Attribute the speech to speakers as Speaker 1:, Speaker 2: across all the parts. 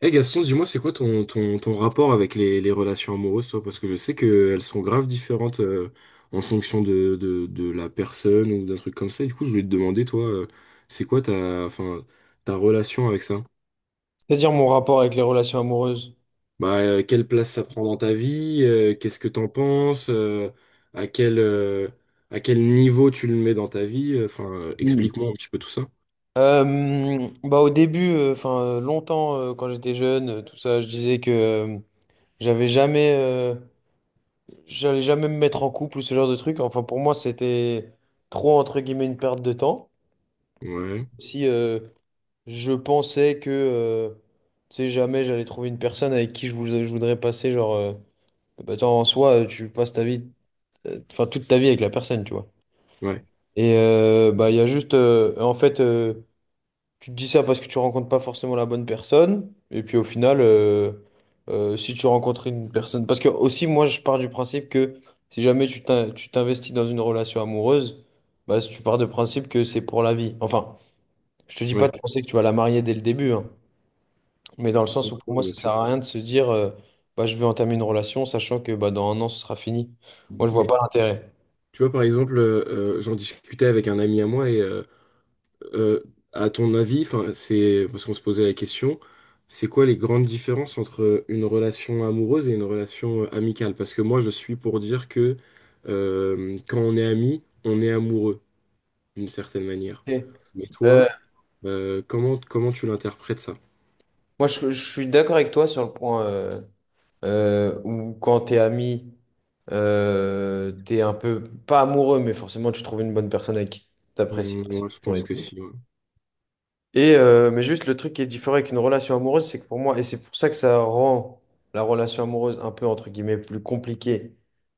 Speaker 1: Eh Gaston, dis-moi, c'est quoi ton rapport avec les relations amoureuses, toi? Parce que je sais qu'elles sont grave différentes, en fonction de la personne ou d'un truc comme ça. Et du coup, je voulais te demander, toi, c'est quoi ta, enfin, ta relation avec ça?
Speaker 2: C'est-à-dire mon rapport avec les relations amoureuses.
Speaker 1: Bah, quelle place ça prend dans ta vie? Qu'est-ce que t'en penses? À quel, à quel niveau tu le mets dans ta vie? Enfin, enfin,
Speaker 2: Hmm.
Speaker 1: explique-moi un petit peu tout ça.
Speaker 2: Bah au début, longtemps quand j'étais jeune, je disais que j'avais jamais, j'allais jamais me mettre en couple ou ce genre de truc. Enfin pour moi c'était trop entre guillemets une perte de temps.
Speaker 1: Ouais,
Speaker 2: Si je pensais que, tu sais jamais j'allais trouver une personne avec qui je voudrais passer genre, bah, attends, en soi tu passes ta vie, enfin toute ta vie avec la personne, tu vois.
Speaker 1: ouais,
Speaker 2: Et bah il y a juste, en fait. Tu te dis ça parce que tu rencontres pas forcément la bonne personne. Et puis au final, si tu rencontres une personne. Parce que aussi, moi, je pars du principe que si jamais tu t'investis dans une relation amoureuse, bah, si tu pars de principe que c'est pour la vie. Enfin, je te dis pas
Speaker 1: ouais.
Speaker 2: de penser que tu vas la marier dès le début, hein. Mais dans le sens où pour moi,
Speaker 1: Ouais, bien
Speaker 2: ça sert
Speaker 1: sûr.
Speaker 2: à rien de se dire bah, je vais entamer une relation, sachant que bah, dans un an, ce sera fini. Moi, je vois
Speaker 1: Mais
Speaker 2: pas l'intérêt.
Speaker 1: tu vois, par exemple, j'en discutais avec un ami à moi et... Euh, à ton avis, enfin, c'est parce qu'on se posait la question, c'est quoi les grandes différences entre une relation amoureuse et une relation amicale? Parce que moi, je suis pour dire que quand on est ami, on est amoureux d'une certaine manière.
Speaker 2: Ok.
Speaker 1: Mais
Speaker 2: Euh,
Speaker 1: toi, comment tu l'interprètes ça?
Speaker 2: Moi, je suis d'accord avec toi sur le point. Ou quand t'es ami, t'es un peu, pas amoureux, mais forcément tu trouves une bonne personne avec qui t'apprécies passer du
Speaker 1: Ouais, je
Speaker 2: temps et
Speaker 1: pense que
Speaker 2: tout.
Speaker 1: si. Ouais.
Speaker 2: Et, mais juste le truc qui est différent avec une relation amoureuse, c'est que pour moi, et c'est pour ça que ça rend la relation amoureuse un peu, entre guillemets, plus compliquée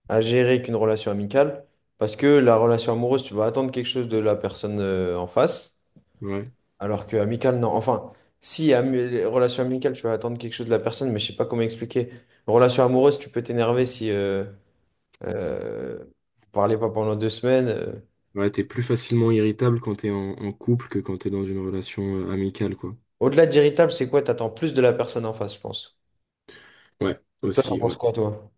Speaker 2: à gérer qu'une relation amicale, parce que la relation amoureuse, tu vas attendre quelque chose de la personne, en face.
Speaker 1: Ouais.
Speaker 2: Alors que amical, non. Enfin, si, relation amicale, tu vas attendre quelque chose de la personne, mais je sais pas comment expliquer. Relation amoureuse, tu peux t'énerver si vous parlez pas pendant deux semaines. euh.
Speaker 1: Ouais, t'es plus facilement irritable quand t'es en couple que quand t'es dans une relation amicale, quoi.
Speaker 2: Au-delà d'irritable, c'est quoi? T'attends plus de la personne en face, je pense.
Speaker 1: Ouais,
Speaker 2: Toi, t'en
Speaker 1: aussi, ouais.
Speaker 2: penses quoi, toi?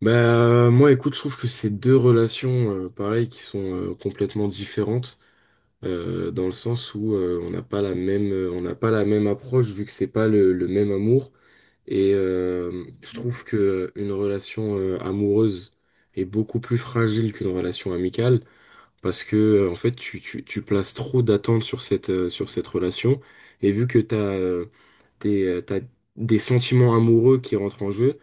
Speaker 1: Bah, moi, écoute, je trouve que c'est deux relations, pareil, qui sont complètement différentes, dans le sens où on n'a pas la même, on n'a pas la même approche, vu que c'est pas le même amour. Et je trouve que une relation amoureuse est beaucoup plus fragile qu'une relation amicale, parce que en fait, tu places trop d'attentes sur cette relation, et vu que t'as des sentiments amoureux qui rentrent en jeu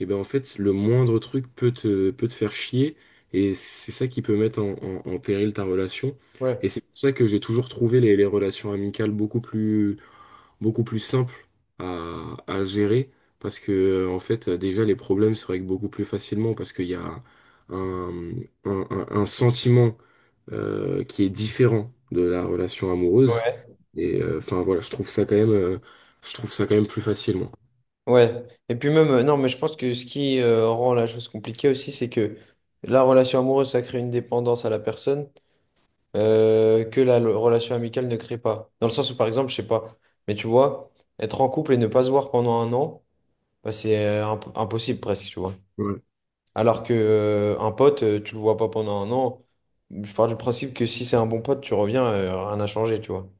Speaker 1: et ben en fait, le moindre truc peut peut te faire chier, et c'est ça qui peut mettre en péril ta relation.
Speaker 2: Ouais.
Speaker 1: Et c'est pour ça que j'ai toujours trouvé les relations amicales beaucoup plus simples à gérer, parce que en fait, déjà, les problèmes se règlent beaucoup plus facilement, parce qu'il y a un, un sentiment qui est différent de la relation amoureuse.
Speaker 2: Ouais.
Speaker 1: Et enfin voilà, je trouve ça quand même, je trouve ça quand même plus facilement.
Speaker 2: Ouais. Et puis même, non, mais je pense que ce qui rend la chose compliquée aussi, c'est que la relation amoureuse, ça crée une dépendance à la personne. Que la relation amicale ne crée pas. Dans le sens où, par exemple, je sais pas, mais tu vois, être en couple et ne pas se voir pendant un an, bah, c'est impossible presque, tu vois. Alors que un pote, tu le vois pas pendant un an, je pars du principe que si c'est un bon pote, tu reviens, rien n'a changé, tu vois.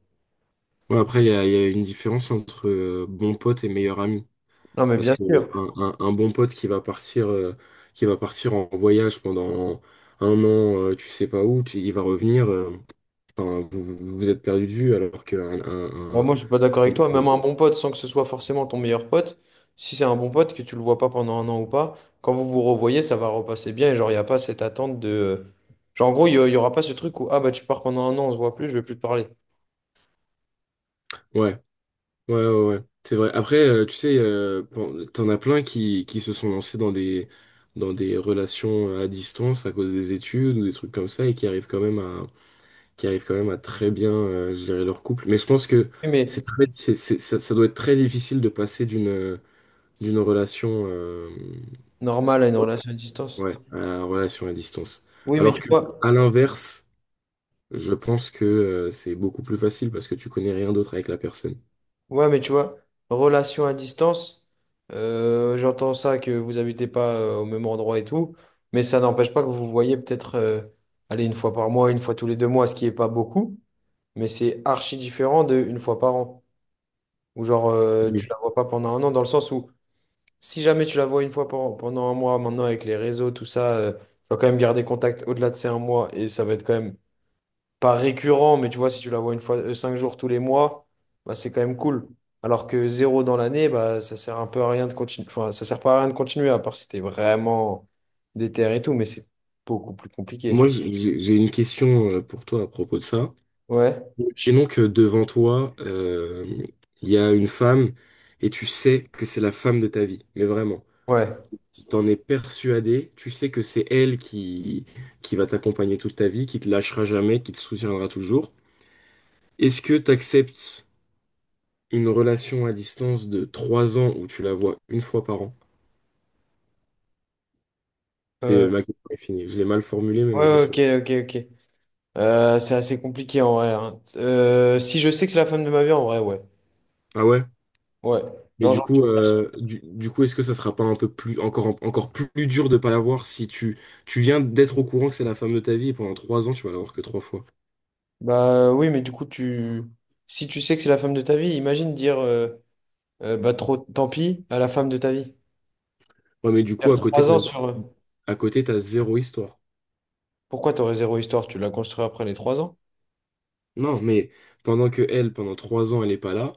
Speaker 1: Ouais, après, il y a une différence entre bon pote et meilleur ami.
Speaker 2: Non, mais
Speaker 1: Parce
Speaker 2: bien
Speaker 1: que
Speaker 2: sûr.
Speaker 1: un, un bon pote qui va partir en voyage pendant un an, tu sais pas où, il va revenir, enfin, vous, vous vous êtes perdu de vue, alors que un,
Speaker 2: Ouais, moi, je suis pas d'accord avec toi. Même un bon pote, sans que ce soit forcément ton meilleur pote, si c'est un bon pote, que tu le vois pas pendant un an ou pas, quand vous vous revoyez, ça va repasser bien. Et genre, il n'y a pas cette attente de. Genre, en gros, il y aura pas ce truc où, ah bah, tu pars pendant un an, on se voit plus, je vais plus te parler.
Speaker 1: ouais, ouais, ouais, ouais. C'est vrai. Après, tu sais, t'en as plein qui se sont lancés dans des relations à distance à cause des études ou des trucs comme ça et qui arrivent quand même, qui arrivent quand même à très bien gérer leur couple. Mais je pense que
Speaker 2: Oui,
Speaker 1: c'est
Speaker 2: mais
Speaker 1: très, ça, ça doit être très difficile de passer d'une d'une relation,
Speaker 2: normal à une relation à distance.
Speaker 1: ouais, à la relation à distance.
Speaker 2: Oui, mais
Speaker 1: Alors
Speaker 2: tu
Speaker 1: que
Speaker 2: vois,
Speaker 1: à l'inverse, je pense que c'est beaucoup plus facile parce que tu connais rien d'autre avec la personne.
Speaker 2: ouais, mais tu vois, relation à distance, j'entends ça que vous habitez pas au même endroit et tout, mais ça n'empêche pas que vous vous voyez peut-être, allez, une fois par mois, une fois tous les deux mois, ce qui est pas beaucoup. Mais c'est archi différent de une fois par an. Ou genre, tu
Speaker 1: Oui.
Speaker 2: la vois pas pendant un an, dans le sens où si jamais tu la vois une fois par an, pendant un mois, maintenant avec les réseaux, tout ça, tu vas quand même garder contact au-delà de ces un mois et ça va être quand même pas récurrent, mais tu vois, si tu la vois une fois, cinq jours tous les mois, bah, c'est quand même cool. Alors que zéro dans l'année, bah, ça sert un peu à rien de continuer. Enfin, ça sert pas à rien de continuer, à part si t'es vraiment déter et tout, mais c'est beaucoup plus compliqué, tu
Speaker 1: Moi,
Speaker 2: vois.
Speaker 1: j'ai une question pour toi à propos de ça.
Speaker 2: Ouais,
Speaker 1: Imaginons que devant toi, il y a une femme et tu sais que c'est la femme de ta vie, mais vraiment.
Speaker 2: ouais.
Speaker 1: Tu t'en es persuadé, tu sais que c'est elle qui va t'accompagner toute ta vie, qui te lâchera jamais, qui te soutiendra toujours. Est-ce que tu acceptes une relation à distance de 3 ans où tu la vois une fois par an? C'est
Speaker 2: Euh,
Speaker 1: ma question est finie. Je l'ai mal formulée, mais ma
Speaker 2: ouais,
Speaker 1: question.
Speaker 2: ok, ok, ok. C'est assez compliqué en vrai, hein. Si je sais que c'est la femme de ma vie, en vrai, ouais.
Speaker 1: Ah ouais?
Speaker 2: Ouais.
Speaker 1: Mais
Speaker 2: Genre,
Speaker 1: du
Speaker 2: genre,
Speaker 1: coup, du coup, est-ce que ça sera pas un peu plus, encore, encore plus dur de pas la voir si tu, tu viens d'être au courant que c'est la femme de ta vie et pendant 3 ans, tu vas la voir que 3 fois?
Speaker 2: bah oui, mais du coup, tu... si tu sais que c'est la femme de ta vie, imagine dire bah trop tant pis à la femme de ta vie.
Speaker 1: Ouais, mais du coup,
Speaker 2: Faire
Speaker 1: à côté,
Speaker 2: trois ans sur. euh,
Speaker 1: à côté, t'as zéro histoire.
Speaker 2: Pourquoi t'aurais zéro histoire? Tu l'as construit après les trois ans?
Speaker 1: Non, mais pendant que elle, pendant trois ans, elle est pas là,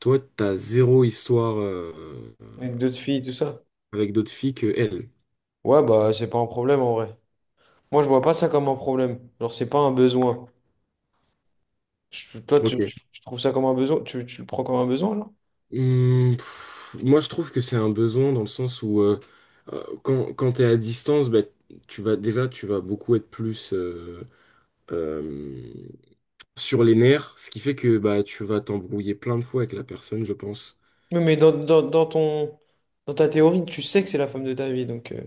Speaker 1: toi, t'as zéro histoire
Speaker 2: Avec d'autres filles, tout ça.
Speaker 1: avec d'autres filles que elle.
Speaker 2: Ouais, bah c'est pas un problème en vrai. Moi, je vois pas ça comme un problème. Genre, c'est pas un besoin. Je- Toi,
Speaker 1: Ok.
Speaker 2: tu trouves ça comme un besoin? Tu le prends comme un besoin, là?
Speaker 1: Hmm, pff, moi, je trouve que c'est un besoin dans le sens où quand t'es à distance, bah, tu vas beaucoup être plus euh, sur les nerfs, ce qui fait que bah, tu vas t'embrouiller plein de fois avec la personne, je pense.
Speaker 2: Oui, mais dans ton, dans ta théorie, tu sais que c'est la femme de ta vie, donc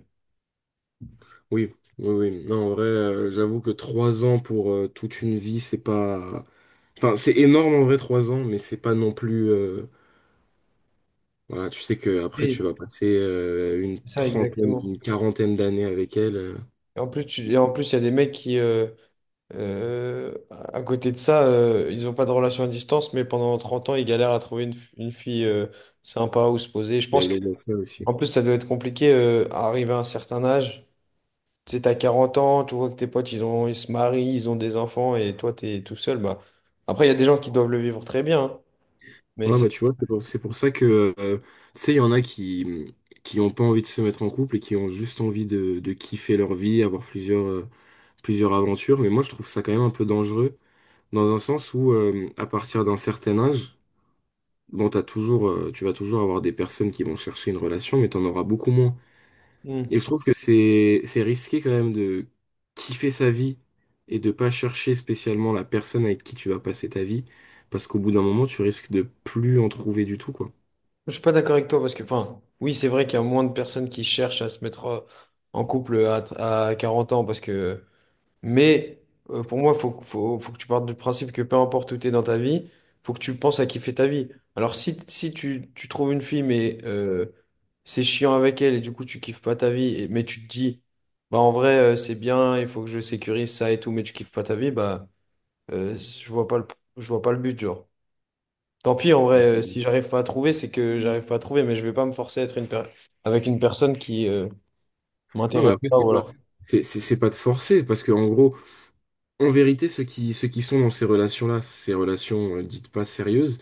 Speaker 1: Oui, oui, oui. Non, en vrai, j'avoue que 3 ans pour toute une vie, c'est pas... Enfin, c'est énorme en vrai, 3 ans, mais c'est pas non plus... Voilà, tu sais que après
Speaker 2: Oui.
Speaker 1: tu vas passer une
Speaker 2: C'est ça
Speaker 1: trentaine,
Speaker 2: exactement.
Speaker 1: une quarantaine d'années avec elle.
Speaker 2: Et en plus, tu, et en plus, il y a des mecs qui, à côté de ça, ils n'ont pas de relation à distance, mais pendant 30 ans, ils galèrent à trouver une, une fille sympa où se poser. Je
Speaker 1: Il y a,
Speaker 2: pense
Speaker 1: il
Speaker 2: que,
Speaker 1: y a de ça aussi.
Speaker 2: en plus, ça doit être compliqué à arriver à un certain âge. Tu sais, t'as 40 ans, tu vois que tes potes, ils ont, ils se marient, ils ont des enfants, et toi, t'es tout seul. Bah. Après, il y a des gens qui doivent le vivre très bien, hein, mais
Speaker 1: Ouais,
Speaker 2: ça...
Speaker 1: bah tu vois, c'est pour ça que, tu sais, il y en a qui ont pas envie de se mettre en couple et qui ont juste envie de kiffer leur vie, avoir plusieurs, plusieurs aventures. Mais moi, je trouve ça quand même un peu dangereux, dans un sens où, à partir d'un certain âge, bon, tu vas toujours avoir des personnes qui vont chercher une relation, mais t'en auras beaucoup moins. Et
Speaker 2: Hmm.
Speaker 1: je trouve que c'est risqué quand même de kiffer sa vie et de pas chercher spécialement la personne avec qui tu vas passer ta vie, parce qu'au bout d'un moment, tu risques de plus en trouver du tout, quoi.
Speaker 2: Je suis pas d'accord avec toi parce que, enfin, oui, c'est vrai qu'il y a moins de personnes qui cherchent à se mettre en couple à, tr- à 40 ans parce que, mais pour moi, faut que tu partes du principe que peu importe où tu es dans ta vie, faut que tu penses à kiffer ta vie. Alors, si tu, tu trouves une fille, mais c'est chiant avec elle et du coup, tu kiffes pas ta vie, et- mais tu te dis, bah en vrai, c'est bien, il faut que je sécurise ça et tout, mais tu kiffes pas ta vie, bah, je vois pas je vois pas le but, genre. Tant pis, en vrai, si j'arrive pas à trouver, c'est que j'arrive pas à trouver, mais je vais pas me forcer à être une per- avec une personne qui
Speaker 1: Non, mais
Speaker 2: m'intéresse
Speaker 1: après,
Speaker 2: pas
Speaker 1: c'est
Speaker 2: ou
Speaker 1: pas,
Speaker 2: alors.
Speaker 1: c'est pas de forcer, parce que en gros, en vérité, ceux qui sont dans ces relations-là, ces relations dites pas sérieuses,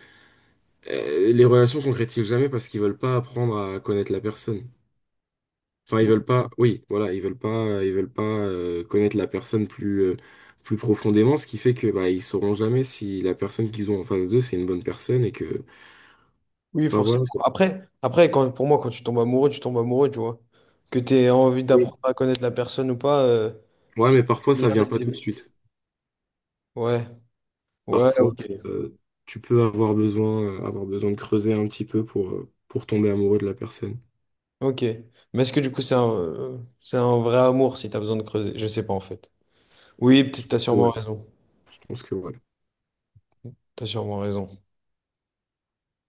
Speaker 1: les relations concrétisent jamais parce qu'ils veulent pas apprendre à connaître la personne. Enfin, ils veulent pas, oui, voilà, ils veulent pas connaître la personne plus, plus profondément, ce qui fait que bah ils sauront jamais si la personne qu'ils ont en face d'eux, c'est une bonne personne et que,
Speaker 2: Oui,
Speaker 1: enfin
Speaker 2: forcément.
Speaker 1: voilà.
Speaker 2: Après, après quand, pour moi, quand tu tombes amoureux, tu tombes amoureux, tu vois. Que tu aies envie
Speaker 1: Oui.
Speaker 2: d'apprendre à connaître la personne ou pas,
Speaker 1: Ouais, mais
Speaker 2: si.
Speaker 1: parfois ça
Speaker 2: Lien dès
Speaker 1: vient
Speaker 2: le
Speaker 1: pas tout de
Speaker 2: début.
Speaker 1: suite.
Speaker 2: Ouais, ouais,
Speaker 1: Parfois,
Speaker 2: ok.
Speaker 1: euh, tu peux avoir besoin de creuser un petit peu pour tomber amoureux de la personne.
Speaker 2: Ok. Mais est-ce que du coup, c'est un vrai amour si tu as besoin de creuser? Je sais pas en fait. Oui, peut-être t'as sûrement
Speaker 1: Ouais,
Speaker 2: raison.
Speaker 1: je pense que ouais.
Speaker 2: T'as sûrement raison.